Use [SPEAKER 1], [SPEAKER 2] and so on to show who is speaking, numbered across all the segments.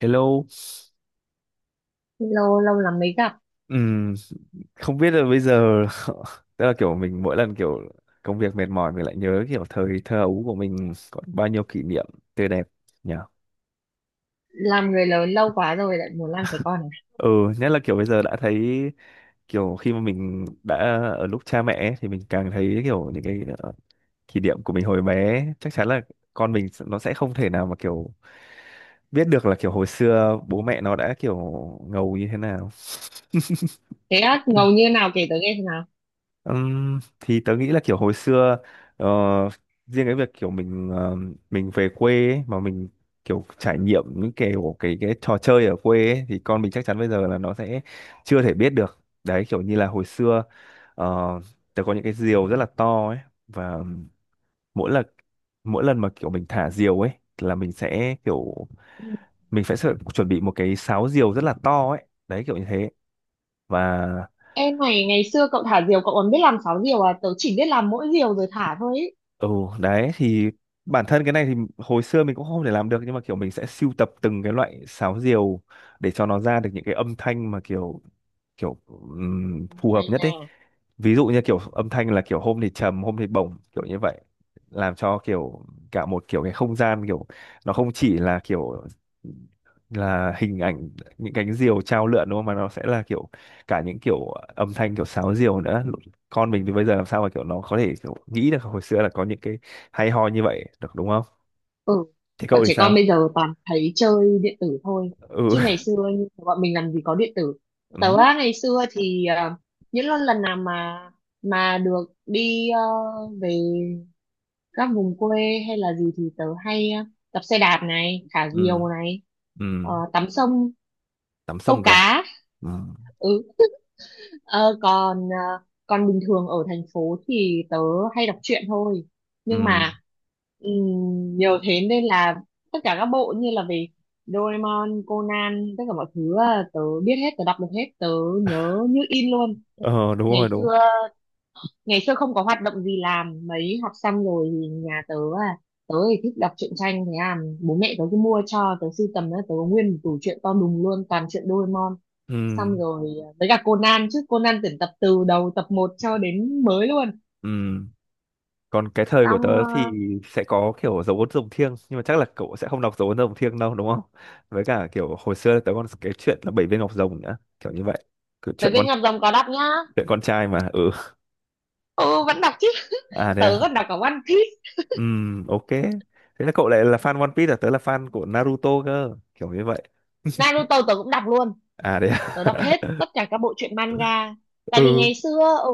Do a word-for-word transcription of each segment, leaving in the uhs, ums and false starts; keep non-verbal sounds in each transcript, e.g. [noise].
[SPEAKER 1] Hello,
[SPEAKER 2] Lâu lâu lắm mới gặp.
[SPEAKER 1] Ừm, không biết là bây giờ [laughs] tức là kiểu mình mỗi lần kiểu công việc mệt mỏi mình lại nhớ kiểu thời thơ ấu của mình có bao nhiêu kỷ niệm tươi đẹp nhỉ?
[SPEAKER 2] Làm người lớn lâu quá rồi lại muốn làm trẻ con à?
[SPEAKER 1] Ừ, nhất là kiểu bây giờ đã thấy kiểu khi mà mình đã ở lúc cha mẹ ấy, thì mình càng thấy kiểu những cái ờ, kỷ niệm của mình hồi bé chắc chắn là con mình s- nó sẽ không thể nào mà kiểu biết được là kiểu hồi xưa bố mẹ nó đã kiểu ngầu như thế nào.
[SPEAKER 2] Thế á, ngầu như nào kể tớ nghe xem nào.
[SPEAKER 1] Ừm, thì tớ nghĩ là kiểu hồi xưa ờ, riêng cái việc kiểu mình ờ, mình về quê ấy, mà mình kiểu trải nghiệm những kiểu cái cái trò chơi ở quê ấy, thì con mình chắc chắn bây giờ là nó sẽ chưa thể biết được đấy kiểu như là hồi xưa ờ, tớ có những cái diều rất là to ấy và mỗi lần mỗi lần mà kiểu mình thả diều ấy là mình sẽ kiểu mình phải sợ- chuẩn bị một cái sáo diều rất là to ấy đấy kiểu như thế và
[SPEAKER 2] Em này, ngày xưa cậu thả diều cậu còn biết làm sáu diều à? Tớ chỉ biết làm mỗi diều rồi thả thôi ấy.
[SPEAKER 1] Ừ đấy thì bản thân cái này thì hồi xưa mình cũng không thể làm được nhưng mà kiểu mình sẽ sưu tập từng cái loại sáo diều để cho nó ra được những cái âm thanh mà kiểu kiểu ừm, phù hợp
[SPEAKER 2] Hay
[SPEAKER 1] nhất đấy.
[SPEAKER 2] nha.
[SPEAKER 1] Ví dụ như kiểu âm thanh là kiểu hôm thì trầm, hôm thì bổng kiểu như vậy. Làm cho kiểu cả một kiểu cái không gian kiểu nó không chỉ là kiểu là hình ảnh những cánh diều chao lượn đúng không mà nó sẽ là kiểu cả những kiểu âm thanh kiểu sáo diều nữa. Con mình thì bây giờ làm sao mà kiểu nó có thể kiểu nghĩ được hồi xưa là có những cái hay ho như vậy được đúng không.
[SPEAKER 2] Ừ.
[SPEAKER 1] Thế
[SPEAKER 2] Bọn
[SPEAKER 1] cậu thì
[SPEAKER 2] trẻ con
[SPEAKER 1] sao.
[SPEAKER 2] bây giờ toàn thấy chơi điện tử thôi,
[SPEAKER 1] Ừ
[SPEAKER 2] chứ ngày
[SPEAKER 1] [laughs]
[SPEAKER 2] xưa như bọn mình làm gì có điện tử.
[SPEAKER 1] ừ
[SPEAKER 2] Tớ á, ngày xưa thì à, những lần lần nào mà mà được đi ờ, về các vùng quê hay là gì thì tớ hay ờ, đạp xe đạp này, thả
[SPEAKER 1] ừ
[SPEAKER 2] diều này,
[SPEAKER 1] ừ
[SPEAKER 2] ờ, tắm sông,
[SPEAKER 1] tắm
[SPEAKER 2] câu
[SPEAKER 1] sông cả.
[SPEAKER 2] cá.
[SPEAKER 1] Ừ
[SPEAKER 2] Ừ. Ờ, còn ờ, còn bình thường ở thành phố thì tớ hay đọc truyện thôi,
[SPEAKER 1] ừ.
[SPEAKER 2] nhưng mà ừm, nhiều thế nên là tất cả các bộ như là về Doraemon, Conan, tất cả mọi thứ ờ, tớ biết hết, tớ đọc được hết, tớ nhớ như in luôn.
[SPEAKER 1] Ờ đúng rồi
[SPEAKER 2] Ngày
[SPEAKER 1] đúng.
[SPEAKER 2] xưa, ngày xưa không có hoạt động gì làm mấy, học xong rồi thì nhà tớ. à Tớ thì thích đọc truyện tranh, thế à bố mẹ tớ cứ mua cho tớ sưu tầm đó, tớ có nguyên một tủ truyện to đùng luôn, toàn truyện Doraemon,
[SPEAKER 1] Ừ
[SPEAKER 2] xong rồi à, với cả Conan, chứ Conan tuyển tập từ đầu tập một cho đến mới luôn.
[SPEAKER 1] ừ còn cái thời của tớ
[SPEAKER 2] Xong uh,
[SPEAKER 1] thì sẽ có kiểu dấu ấn rồng thiêng nhưng mà chắc là cậu sẽ không đọc dấu ấn rồng thiêng đâu đúng không. Với cả kiểu hồi xưa là tớ còn cái chuyện là bảy viên ngọc rồng nữa kiểu như vậy. Kiểu
[SPEAKER 2] về
[SPEAKER 1] chuyện con
[SPEAKER 2] bên ngọc rồng có đọc nhá.
[SPEAKER 1] chuyện con trai mà ừ.
[SPEAKER 2] Ừ, vẫn đọc chứ.
[SPEAKER 1] À thế
[SPEAKER 2] Tớ
[SPEAKER 1] à.
[SPEAKER 2] còn đọc cả One Piece.
[SPEAKER 1] Ừm, ok. Thế là cậu lại là fan One Piece à? Tớ là fan của Naruto cơ. Kiểu như vậy.
[SPEAKER 2] Naruto tớ cũng đọc luôn.
[SPEAKER 1] À đấy
[SPEAKER 2] Tớ đọc
[SPEAKER 1] à?
[SPEAKER 2] hết tất
[SPEAKER 1] [laughs]
[SPEAKER 2] cả các bộ truyện manga, tại vì
[SPEAKER 1] Ừ.
[SPEAKER 2] ngày xưa ở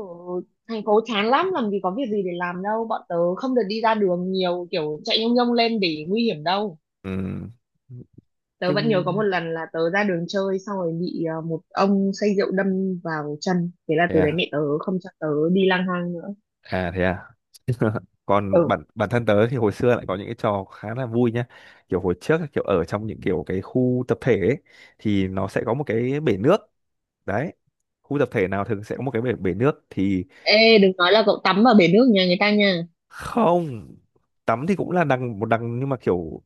[SPEAKER 2] thành phố chán lắm, làm gì có việc gì để làm đâu, bọn tớ không được đi ra đường nhiều kiểu chạy nhông nhông lên để nguy hiểm đâu.
[SPEAKER 1] Ừm,
[SPEAKER 2] Tớ vẫn nhớ có một
[SPEAKER 1] Nhưng...
[SPEAKER 2] lần là tớ ra đường chơi xong rồi bị ờ, một ông say rượu đâm vào chân, thế là
[SPEAKER 1] Thế
[SPEAKER 2] từ đấy
[SPEAKER 1] à?
[SPEAKER 2] mẹ tớ không cho tớ đi lang thang nữa.
[SPEAKER 1] À thế à? [laughs] Còn
[SPEAKER 2] Ừ.
[SPEAKER 1] bản bản thân tớ thì hồi xưa lại có những cái trò khá là vui nhá. Kiểu hồi trước ấy, kiểu ở trong những kiểu cái khu tập thể ấy, thì nó sẽ có một cái bể nước. Đấy. Khu tập thể nào thường sẽ có một cái bể, bể nước thì
[SPEAKER 2] Ê, đừng nói là cậu tắm ở bể nước nhà người ta nha.
[SPEAKER 1] không, tắm thì cũng là đằng một đằng nhưng mà kiểu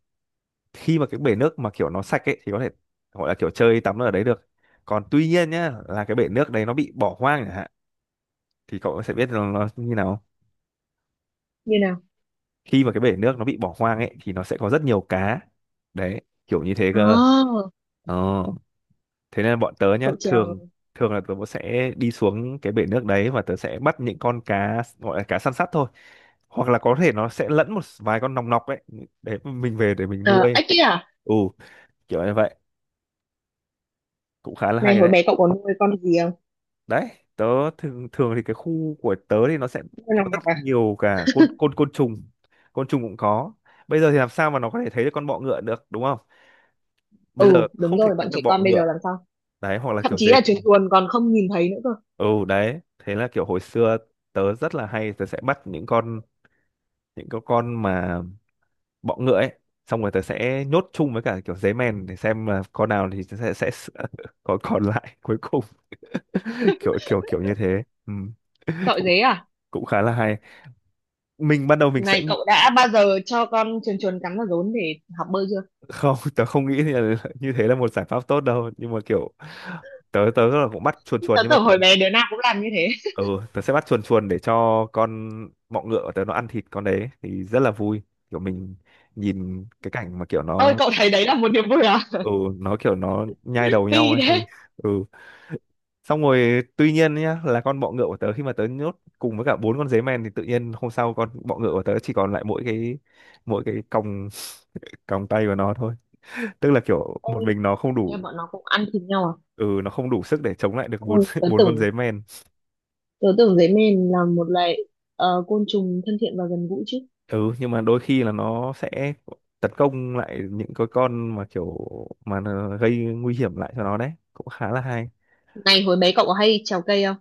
[SPEAKER 1] khi mà cái bể nước mà kiểu nó sạch ấy thì có thể gọi là kiểu chơi tắm ở đấy được. Còn tuy nhiên nhá là cái bể nước đấy nó bị bỏ hoang chẳng hạn thì cậu sẽ biết là nó như nào.
[SPEAKER 2] Như nào?
[SPEAKER 1] Khi mà cái bể nước nó bị bỏ hoang ấy thì nó sẽ có rất nhiều cá đấy kiểu như thế cơ
[SPEAKER 2] À,
[SPEAKER 1] ờ. Thế nên bọn tớ nhá
[SPEAKER 2] cậu trèo?
[SPEAKER 1] thường thường là tớ sẽ đi xuống cái bể nước đấy và tớ sẽ bắt những con cá gọi là cá săn sắt thôi hoặc là có thể nó sẽ lẫn một vài con nòng nọc ấy để mình về để mình
[SPEAKER 2] Ờ,
[SPEAKER 1] nuôi.
[SPEAKER 2] ếch kia à?
[SPEAKER 1] Ừ kiểu như vậy cũng khá là
[SPEAKER 2] Này,
[SPEAKER 1] hay
[SPEAKER 2] hồi
[SPEAKER 1] đấy.
[SPEAKER 2] bé cậu có nuôi con gì không?
[SPEAKER 1] Đấy, tớ thường thường thì cái khu của tớ thì nó sẽ
[SPEAKER 2] Nuôi
[SPEAKER 1] có
[SPEAKER 2] lòng
[SPEAKER 1] rất
[SPEAKER 2] ngọc à?
[SPEAKER 1] nhiều cả côn côn côn trùng, côn trùng cũng có. Bây giờ thì làm sao mà nó có thể thấy được con bọ ngựa được đúng không. Bây
[SPEAKER 2] Ừ,
[SPEAKER 1] giờ
[SPEAKER 2] đúng
[SPEAKER 1] không thể
[SPEAKER 2] rồi, bọn
[SPEAKER 1] kiếm được
[SPEAKER 2] trẻ
[SPEAKER 1] bọ
[SPEAKER 2] con bây giờ
[SPEAKER 1] ngựa
[SPEAKER 2] làm sao.
[SPEAKER 1] đấy. Hoặc là
[SPEAKER 2] Thậm
[SPEAKER 1] kiểu
[SPEAKER 2] chí
[SPEAKER 1] dế
[SPEAKER 2] là chuồn
[SPEAKER 1] mèn.
[SPEAKER 2] chuồn còn không nhìn thấy nữa cơ.
[SPEAKER 1] Ừ đấy thế là kiểu hồi xưa tớ rất là hay tớ sẽ bắt những con những cái con mà bọ ngựa ấy xong rồi tớ sẽ nhốt chung với cả kiểu dế mèn để xem là con nào thì tớ sẽ sẽ [laughs] còn còn lại cuối cùng [laughs] kiểu kiểu kiểu như thế ừ. [laughs]
[SPEAKER 2] Sợ
[SPEAKER 1] cũng
[SPEAKER 2] dế à?
[SPEAKER 1] cũng khá là hay. Mình ban đầu mình sẽ
[SPEAKER 2] Này,
[SPEAKER 1] nghĩ-
[SPEAKER 2] cậu đã bao giờ cho con chuồn chuồn cắn vào rốn để học bơi chưa?
[SPEAKER 1] không [laughs] tớ không nghĩ thì là [laughs] như thế là một giải pháp tốt đâu nhưng mà kiểu tớ tớ là cũng bắt chuồn chuồn
[SPEAKER 2] Tớ
[SPEAKER 1] nhưng mà
[SPEAKER 2] tưởng
[SPEAKER 1] tớ
[SPEAKER 2] hồi bé đứa nào cũng làm như thế.
[SPEAKER 1] ừ, tớ sẽ bắt chuồn chuồn để cho con bọ ngựa của tớ nó ăn thịt con đấy thì rất là vui kiểu mình nhìn cái cảnh mà kiểu
[SPEAKER 2] Ôi,
[SPEAKER 1] nó
[SPEAKER 2] cậu thấy đấy là một niềm vui à?
[SPEAKER 1] ừ nó kiểu nó nhai đầu
[SPEAKER 2] Phi
[SPEAKER 1] nhau ấy thì
[SPEAKER 2] thế?
[SPEAKER 1] ừ xong rồi tuy nhiên nhá là con bọ ngựa của tớ khi mà tớ nhốt cùng với cả bốn con dế mèn thì tự nhiên hôm sau con bọ ngựa của tớ chỉ còn lại mỗi cái mỗi cái còng [laughs] còng tay của nó thôi tức là kiểu một
[SPEAKER 2] Ôi,
[SPEAKER 1] mình nó không
[SPEAKER 2] em
[SPEAKER 1] đủ.
[SPEAKER 2] bọn nó cũng ăn thịt nhau à?
[SPEAKER 1] Ừ nó không đủ sức để chống lại được bốn
[SPEAKER 2] Ôi,
[SPEAKER 1] [laughs]
[SPEAKER 2] tớ
[SPEAKER 1] bốn con
[SPEAKER 2] tưởng
[SPEAKER 1] dế men.
[SPEAKER 2] tớ tưởng dế mèn là một loại ờ, côn trùng thân thiện và gần gũi chứ.
[SPEAKER 1] Ừ nhưng mà đôi khi là nó sẽ tấn công lại những cái con mà kiểu mà nó gây nguy hiểm lại cho nó đấy cũng khá là hay.
[SPEAKER 2] Này, hồi bé cậu có hay trèo cây không?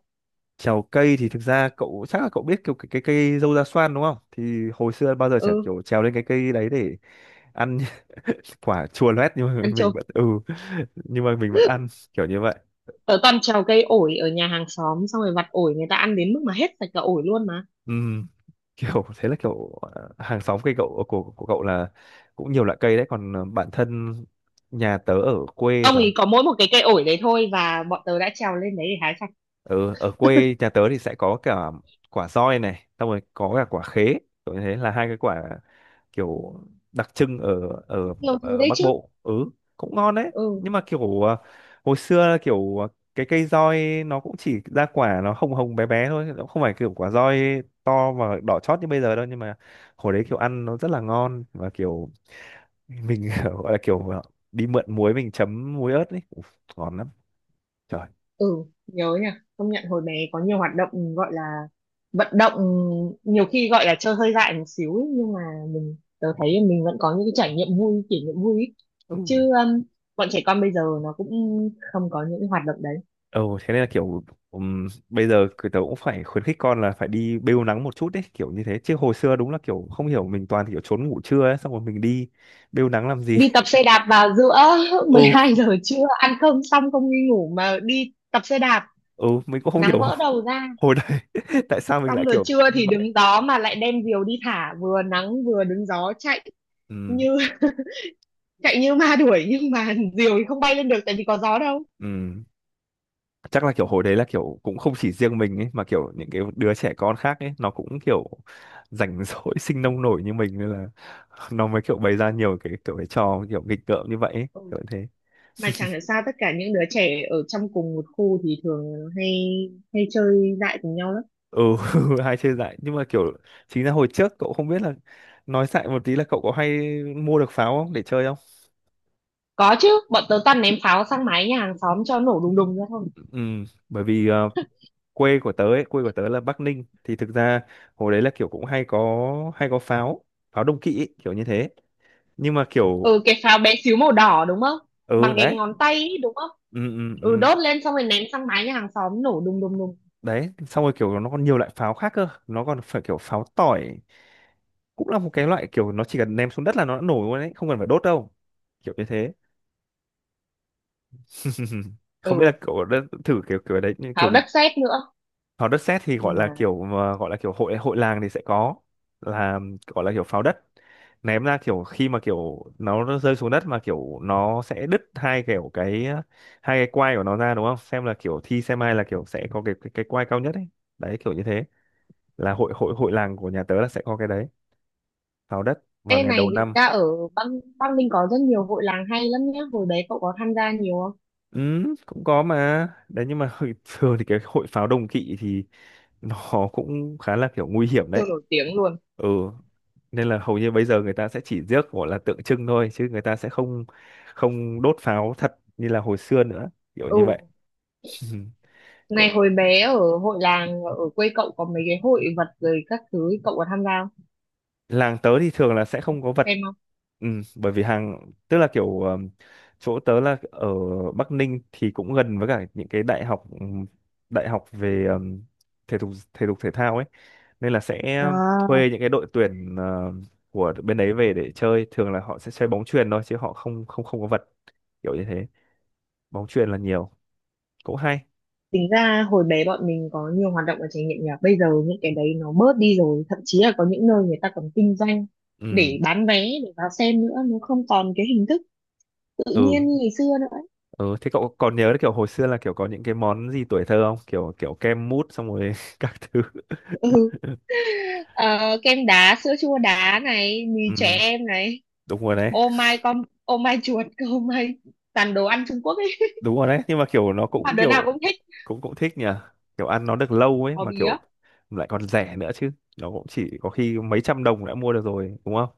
[SPEAKER 1] Trèo cây thì thực ra cậu chắc là cậu biết kiểu cái cái cây dâu da xoan đúng không thì hồi xưa bao giờ chả
[SPEAKER 2] Ừ.
[SPEAKER 1] kiểu trèo lên cái cây đấy để ăn [laughs] quả chua loét nhưng mà
[SPEAKER 2] Ăn
[SPEAKER 1] mình
[SPEAKER 2] trộm.
[SPEAKER 1] vẫn ừ nhưng mà mình vẫn ăn kiểu như vậy.
[SPEAKER 2] Tớ toàn trèo cây ổi ở nhà hàng xóm xong rồi vặt ổi người ta ăn đến mức mà hết sạch cả ổi luôn mà.
[SPEAKER 1] Ừm, Kiểu thế là kiểu ờ, hàng xóm cây cậu ờ, của của cậu là cũng nhiều loại cây đấy còn ờ, bản thân nhà tớ ở quê
[SPEAKER 2] Ông
[SPEAKER 1] là
[SPEAKER 2] ấy có mỗi một cái cây ổi đấy thôi và bọn tớ đã trèo lên đấy để hái.
[SPEAKER 1] ừ, ở quê nhà tớ thì sẽ có cả quả roi này xong rồi có cả quả khế kiểu như thế là hai cái quả kiểu đặc trưng ở ở
[SPEAKER 2] Nhiều thứ
[SPEAKER 1] ở
[SPEAKER 2] đấy
[SPEAKER 1] Bắc
[SPEAKER 2] chứ.
[SPEAKER 1] Bộ. Ừ cũng ngon đấy
[SPEAKER 2] Ừ,
[SPEAKER 1] nhưng mà kiểu à, hồi xưa kiểu à, cái cây roi nó cũng chỉ ra quả nó hồng hồng bé bé thôi nó không phải kiểu quả roi to và đỏ chót như bây giờ đâu nhưng mà hồi đấy kiểu ăn nó rất là ngon và kiểu mình [laughs] gọi là kiểu à, đi mượn muối mình chấm muối ớt ấy Uf, ngon lắm trời
[SPEAKER 2] ừ. Nhớ nhỉ. Công nhận hồi bé có nhiều hoạt động gọi là vận động, nhiều khi gọi là chơi hơi dại một xíu ấy, nhưng mà mình tớ thấy mình vẫn có những cái trải nghiệm vui, kỷ niệm vui ấy.
[SPEAKER 1] ừ.
[SPEAKER 2] Chứ um, bọn trẻ con bây giờ nó cũng không có những cái hoạt động đấy.
[SPEAKER 1] Ừ, thế nên là kiểu ừm, bây giờ cứ tớ cũng phải khuyến khích con là phải đi bêu nắng một chút đấy kiểu như thế chứ hồi xưa đúng là kiểu không hiểu mình toàn kiểu trốn ngủ trưa ấy xong rồi mình đi bêu nắng làm gì
[SPEAKER 2] Đi tập xe đạp vào giữa [laughs]
[SPEAKER 1] [laughs] ừ
[SPEAKER 2] mười hai giờ trưa, ăn cơm xong không đi ngủ mà đi tập xe đạp,
[SPEAKER 1] ừ mình cũng không
[SPEAKER 2] nắng
[SPEAKER 1] hiểu [laughs]
[SPEAKER 2] vỡ đầu ra.
[SPEAKER 1] hồi đấy [laughs] tại sao mình lại
[SPEAKER 2] Xong rồi
[SPEAKER 1] kiểu
[SPEAKER 2] trưa
[SPEAKER 1] như
[SPEAKER 2] thì
[SPEAKER 1] vậy
[SPEAKER 2] đứng gió mà lại đem diều đi thả, vừa nắng vừa đứng gió, chạy
[SPEAKER 1] ừ
[SPEAKER 2] như chạy như ma đuổi, nhưng mà [laughs] diều thì không bay lên được tại vì có gió đâu.
[SPEAKER 1] ừ chắc là kiểu hồi đấy là kiểu cũng không chỉ riêng mình ấy mà kiểu những cái đứa trẻ con khác ấy nó cũng kiểu rảnh rỗi [laughs] sinh nông nổi như mình nên là nó mới kiểu bày ra nhiều cái kiểu cái trò kiểu nghịch ngợm như vậy ấy,
[SPEAKER 2] Ừ.
[SPEAKER 1] kiểu như thế.
[SPEAKER 2] Mà chẳng hiểu sao tất cả những đứa trẻ ở trong cùng một khu thì thường hay hay chơi dại cùng nhau lắm.
[SPEAKER 1] Ừ [laughs] hay chơi dại nhưng mà kiểu chính ra hồi trước cậu không biết là nói dại một tí là cậu có hay mua được pháo không để chơi không.
[SPEAKER 2] Có chứ, bọn tớ toàn ném pháo sang mái nhà hàng xóm cho nổ đùng đùng ra thôi.
[SPEAKER 1] Ừ bởi vì ờ, quê của tớ ấy quê của tớ là Bắc Ninh thì thực ra hồi đấy là kiểu cũng hay có hay có pháo, pháo đông kỵ ấy, kiểu như thế nhưng mà kiểu
[SPEAKER 2] Ừ, cái pháo bé xíu màu đỏ đúng không?
[SPEAKER 1] ừ
[SPEAKER 2] Bằng
[SPEAKER 1] đấy
[SPEAKER 2] cái ngón tay ấy, đúng không?
[SPEAKER 1] ừ ừ
[SPEAKER 2] Ừ,
[SPEAKER 1] ừ
[SPEAKER 2] đốt lên xong rồi ném sang mái nhà hàng xóm nổ đùng đùng đùng.
[SPEAKER 1] đấy xong rồi kiểu nó còn nhiều loại pháo khác cơ nó còn phải kiểu pháo tỏi cũng là một cái loại kiểu nó chỉ cần ném xuống đất là nó đã nổ luôn ấy không cần phải đốt đâu kiểu như thế. [laughs] Không biết là
[SPEAKER 2] Ừ,
[SPEAKER 1] kiểu đất, thử kiểu kiểu đấy như kiểu
[SPEAKER 2] pháo đất sét nữa.
[SPEAKER 1] pháo đất sét thì
[SPEAKER 2] Nhưng
[SPEAKER 1] gọi là
[SPEAKER 2] mà
[SPEAKER 1] kiểu mà gọi là kiểu hội hội làng thì sẽ có là gọi là kiểu pháo đất ném ra kiểu khi mà kiểu nó rơi xuống đất mà kiểu nó sẽ đứt hai kiểu cái hai cái quai của nó ra đúng không xem là kiểu thi xem ai là kiểu sẽ có cái cái, cái quai cao nhất ấy đấy kiểu như thế là hội hội hội làng của nhà tớ là sẽ có cái đấy pháo đất vào
[SPEAKER 2] ê
[SPEAKER 1] ngày đầu
[SPEAKER 2] này, người
[SPEAKER 1] năm.
[SPEAKER 2] ta ở băng băng ninh có rất nhiều hội làng hay lắm nhá, hồi đấy cậu có tham gia nhiều không?
[SPEAKER 1] Ừ, cũng có mà đấy nhưng mà [laughs] thường thì cái hội pháo đồng kỵ thì nó cũng khá là kiểu nguy hiểm
[SPEAKER 2] Siêu
[SPEAKER 1] đấy.
[SPEAKER 2] nổi tiếng luôn.
[SPEAKER 1] Ừ nên là hầu như bây giờ người ta sẽ chỉ rước gọi là tượng trưng thôi chứ người ta sẽ không không đốt pháo thật như là hồi xưa nữa kiểu như vậy.
[SPEAKER 2] Ừ.
[SPEAKER 1] [laughs] Có-
[SPEAKER 2] Này, hồi bé ở hội làng ở quê cậu có mấy cái hội vật rồi các thứ, cậu có tham gia không?
[SPEAKER 1] làng tớ thì thường là sẽ không có vật.
[SPEAKER 2] Xem không?
[SPEAKER 1] Ừ, bởi vì hàng tức là kiểu ờm, chỗ tớ là ở Bắc Ninh thì cũng gần với cả những cái đại học ừm, đại học về ờm, thể dục thể dục thể thao ấy nên là sẽ
[SPEAKER 2] À,
[SPEAKER 1] thuê những cái đội tuyển ờ, của bên đấy về để chơi thường là họ sẽ chơi bóng chuyền thôi chứ họ không không không có vật kiểu như thế. Bóng chuyền là nhiều cũng hay.
[SPEAKER 2] tính ra hồi bé bọn mình có nhiều hoạt động và trải nghiệm nhỉ. Bây giờ những cái đấy nó bớt đi rồi, thậm chí là có những nơi người ta còn kinh doanh
[SPEAKER 1] Ừ
[SPEAKER 2] để bán vé để vào xem nữa, nó không còn cái hình thức tự
[SPEAKER 1] ừ
[SPEAKER 2] nhiên như ngày xưa nữa, ấy.
[SPEAKER 1] ừ thế cậu còn nhớ kiểu hồi xưa là kiểu có những cái món gì tuổi thơ không kiểu kiểu kem mút xong rồi [laughs] các thứ.
[SPEAKER 2] Ừ. Ờ, kem đá, sữa chua đá này, mì trẻ
[SPEAKER 1] Ừ,
[SPEAKER 2] em này,
[SPEAKER 1] đúng rồi đấy
[SPEAKER 2] ô mai con, ô mai chuột, [laughs] ô mai, toàn đồ ăn Trung Quốc ấy,
[SPEAKER 1] đúng rồi đấy nhưng mà kiểu nó
[SPEAKER 2] nhưng mà
[SPEAKER 1] cũng
[SPEAKER 2] đứa nào
[SPEAKER 1] kiểu
[SPEAKER 2] cũng thích.
[SPEAKER 1] cũng cũng thích nhỉ kiểu ăn nó được lâu ấy
[SPEAKER 2] Bò
[SPEAKER 1] mà kiểu
[SPEAKER 2] bía.
[SPEAKER 1] lại còn rẻ nữa chứ nó cũng chỉ có khi mấy trăm đồng đã mua được rồi đúng không.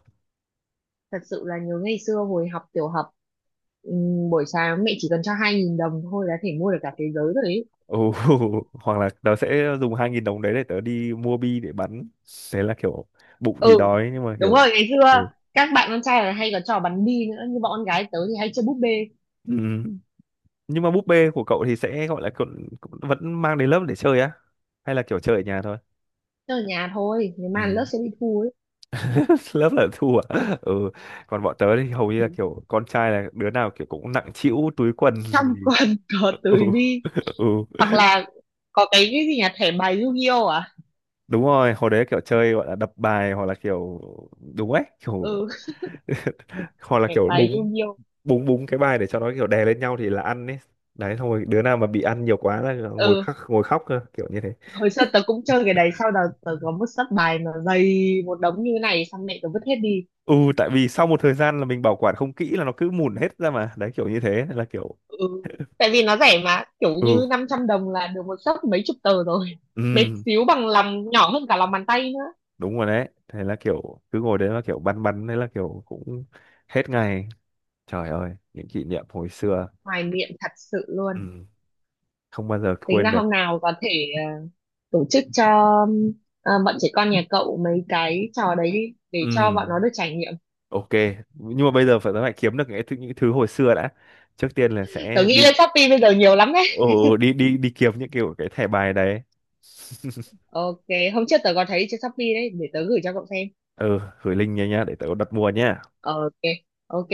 [SPEAKER 2] Thật sự là nhớ ngày xưa hồi học tiểu học, ừm, buổi sáng mẹ chỉ cần cho hai nghìn đồng thôi là thể mua được cả thế giới rồi đấy.
[SPEAKER 1] Ồ, [laughs] hoặc là tớ sẽ dùng hai nghìn đồng đấy để tớ đi mua bi để bắn thế là kiểu bụng thì
[SPEAKER 2] Ừ,
[SPEAKER 1] đói nhưng mà
[SPEAKER 2] đúng
[SPEAKER 1] kiểu
[SPEAKER 2] rồi, ngày xưa
[SPEAKER 1] ừ.
[SPEAKER 2] các bạn con trai là hay có trò bắn bi nữa, nhưng bọn con gái tớ thì hay chơi búp bê.
[SPEAKER 1] Ừ. Nhưng mà búp bê của cậu thì sẽ gọi là cậu, vẫn mang đến lớp để chơi á hay là kiểu chơi ở nhà thôi.
[SPEAKER 2] Chơi ở nhà thôi, nếu mà
[SPEAKER 1] Ừ.
[SPEAKER 2] lớp sẽ đi thu ấy.
[SPEAKER 1] [laughs] Lớp là thu à ừ còn bọn tớ thì hầu như là
[SPEAKER 2] Đứng
[SPEAKER 1] kiểu con trai là đứa nào kiểu cũng nặng trĩu túi quần
[SPEAKER 2] trong quần [laughs] có
[SPEAKER 1] [laughs] ừ
[SPEAKER 2] túi bi.
[SPEAKER 1] ừ
[SPEAKER 2] Hoặc là có cái cái gì nhỉ, thẻ bài Yu-Gi-Oh à?
[SPEAKER 1] đúng rồi hồi đấy kiểu chơi gọi là đập bài hoặc là kiểu đúng ấy kiểu
[SPEAKER 2] Ừ.
[SPEAKER 1] [laughs] hoặc
[SPEAKER 2] [laughs]
[SPEAKER 1] là
[SPEAKER 2] Thẻ
[SPEAKER 1] kiểu
[SPEAKER 2] bài
[SPEAKER 1] búng
[SPEAKER 2] Yu-Gi-Oh.
[SPEAKER 1] búng búng cái bài để cho nó kiểu đè lên nhau thì là ăn ấy đấy xong rồi đứa nào mà bị ăn nhiều quá là ngồi
[SPEAKER 2] Ừ,
[SPEAKER 1] khóc ngồi khóc cơ kiểu như thế.
[SPEAKER 2] hồi xưa tớ cũng chơi cái đấy, sau đó tớ có một sấp bài mà dày một đống như thế này xong mẹ tớ vứt hết đi.
[SPEAKER 1] Ừ tại vì sau một thời gian là mình bảo quản không kỹ là nó cứ mùn hết ra mà đấy kiểu như thế nên là kiểu
[SPEAKER 2] Ừ. Tại vì nó rẻ mà, kiểu
[SPEAKER 1] ừ
[SPEAKER 2] như năm trăm đồng là được một xấp mấy chục tờ rồi. Bé
[SPEAKER 1] ừ
[SPEAKER 2] xíu bằng lòng, nhỏ hơn cả lòng bàn tay nữa.
[SPEAKER 1] đúng rồi đấy thế là kiểu cứ ngồi đấy là kiểu băn băn đấy là kiểu cũng hết ngày trời ơi những kỷ niệm hồi xưa.
[SPEAKER 2] Hoài niệm thật sự luôn.
[SPEAKER 1] Ừ. Không bao giờ
[SPEAKER 2] Tính ra
[SPEAKER 1] quên được.
[SPEAKER 2] hôm nào có thể ờ, tổ chức cho ờ, bọn trẻ con nhà cậu mấy cái trò đấy đi để cho
[SPEAKER 1] Ừ.
[SPEAKER 2] bọn nó được trải nghiệm.
[SPEAKER 1] Ok nhưng mà bây giờ phải phải kiếm được những thứ, những thứ hồi xưa đã trước tiên là
[SPEAKER 2] Tớ
[SPEAKER 1] sẽ
[SPEAKER 2] nghĩ
[SPEAKER 1] đi.
[SPEAKER 2] lên Shopee bây giờ nhiều lắm đấy.
[SPEAKER 1] Ồ đi đi đi kiếm những kiểu cái thẻ bài đấy [laughs]
[SPEAKER 2] Ok. Hôm trước tớ có thấy trên Shopee đấy, để tớ gửi cho cậu xem.
[SPEAKER 1] ừ gửi link nha nhá để tớ đặt mua nhá
[SPEAKER 2] Ok, ok.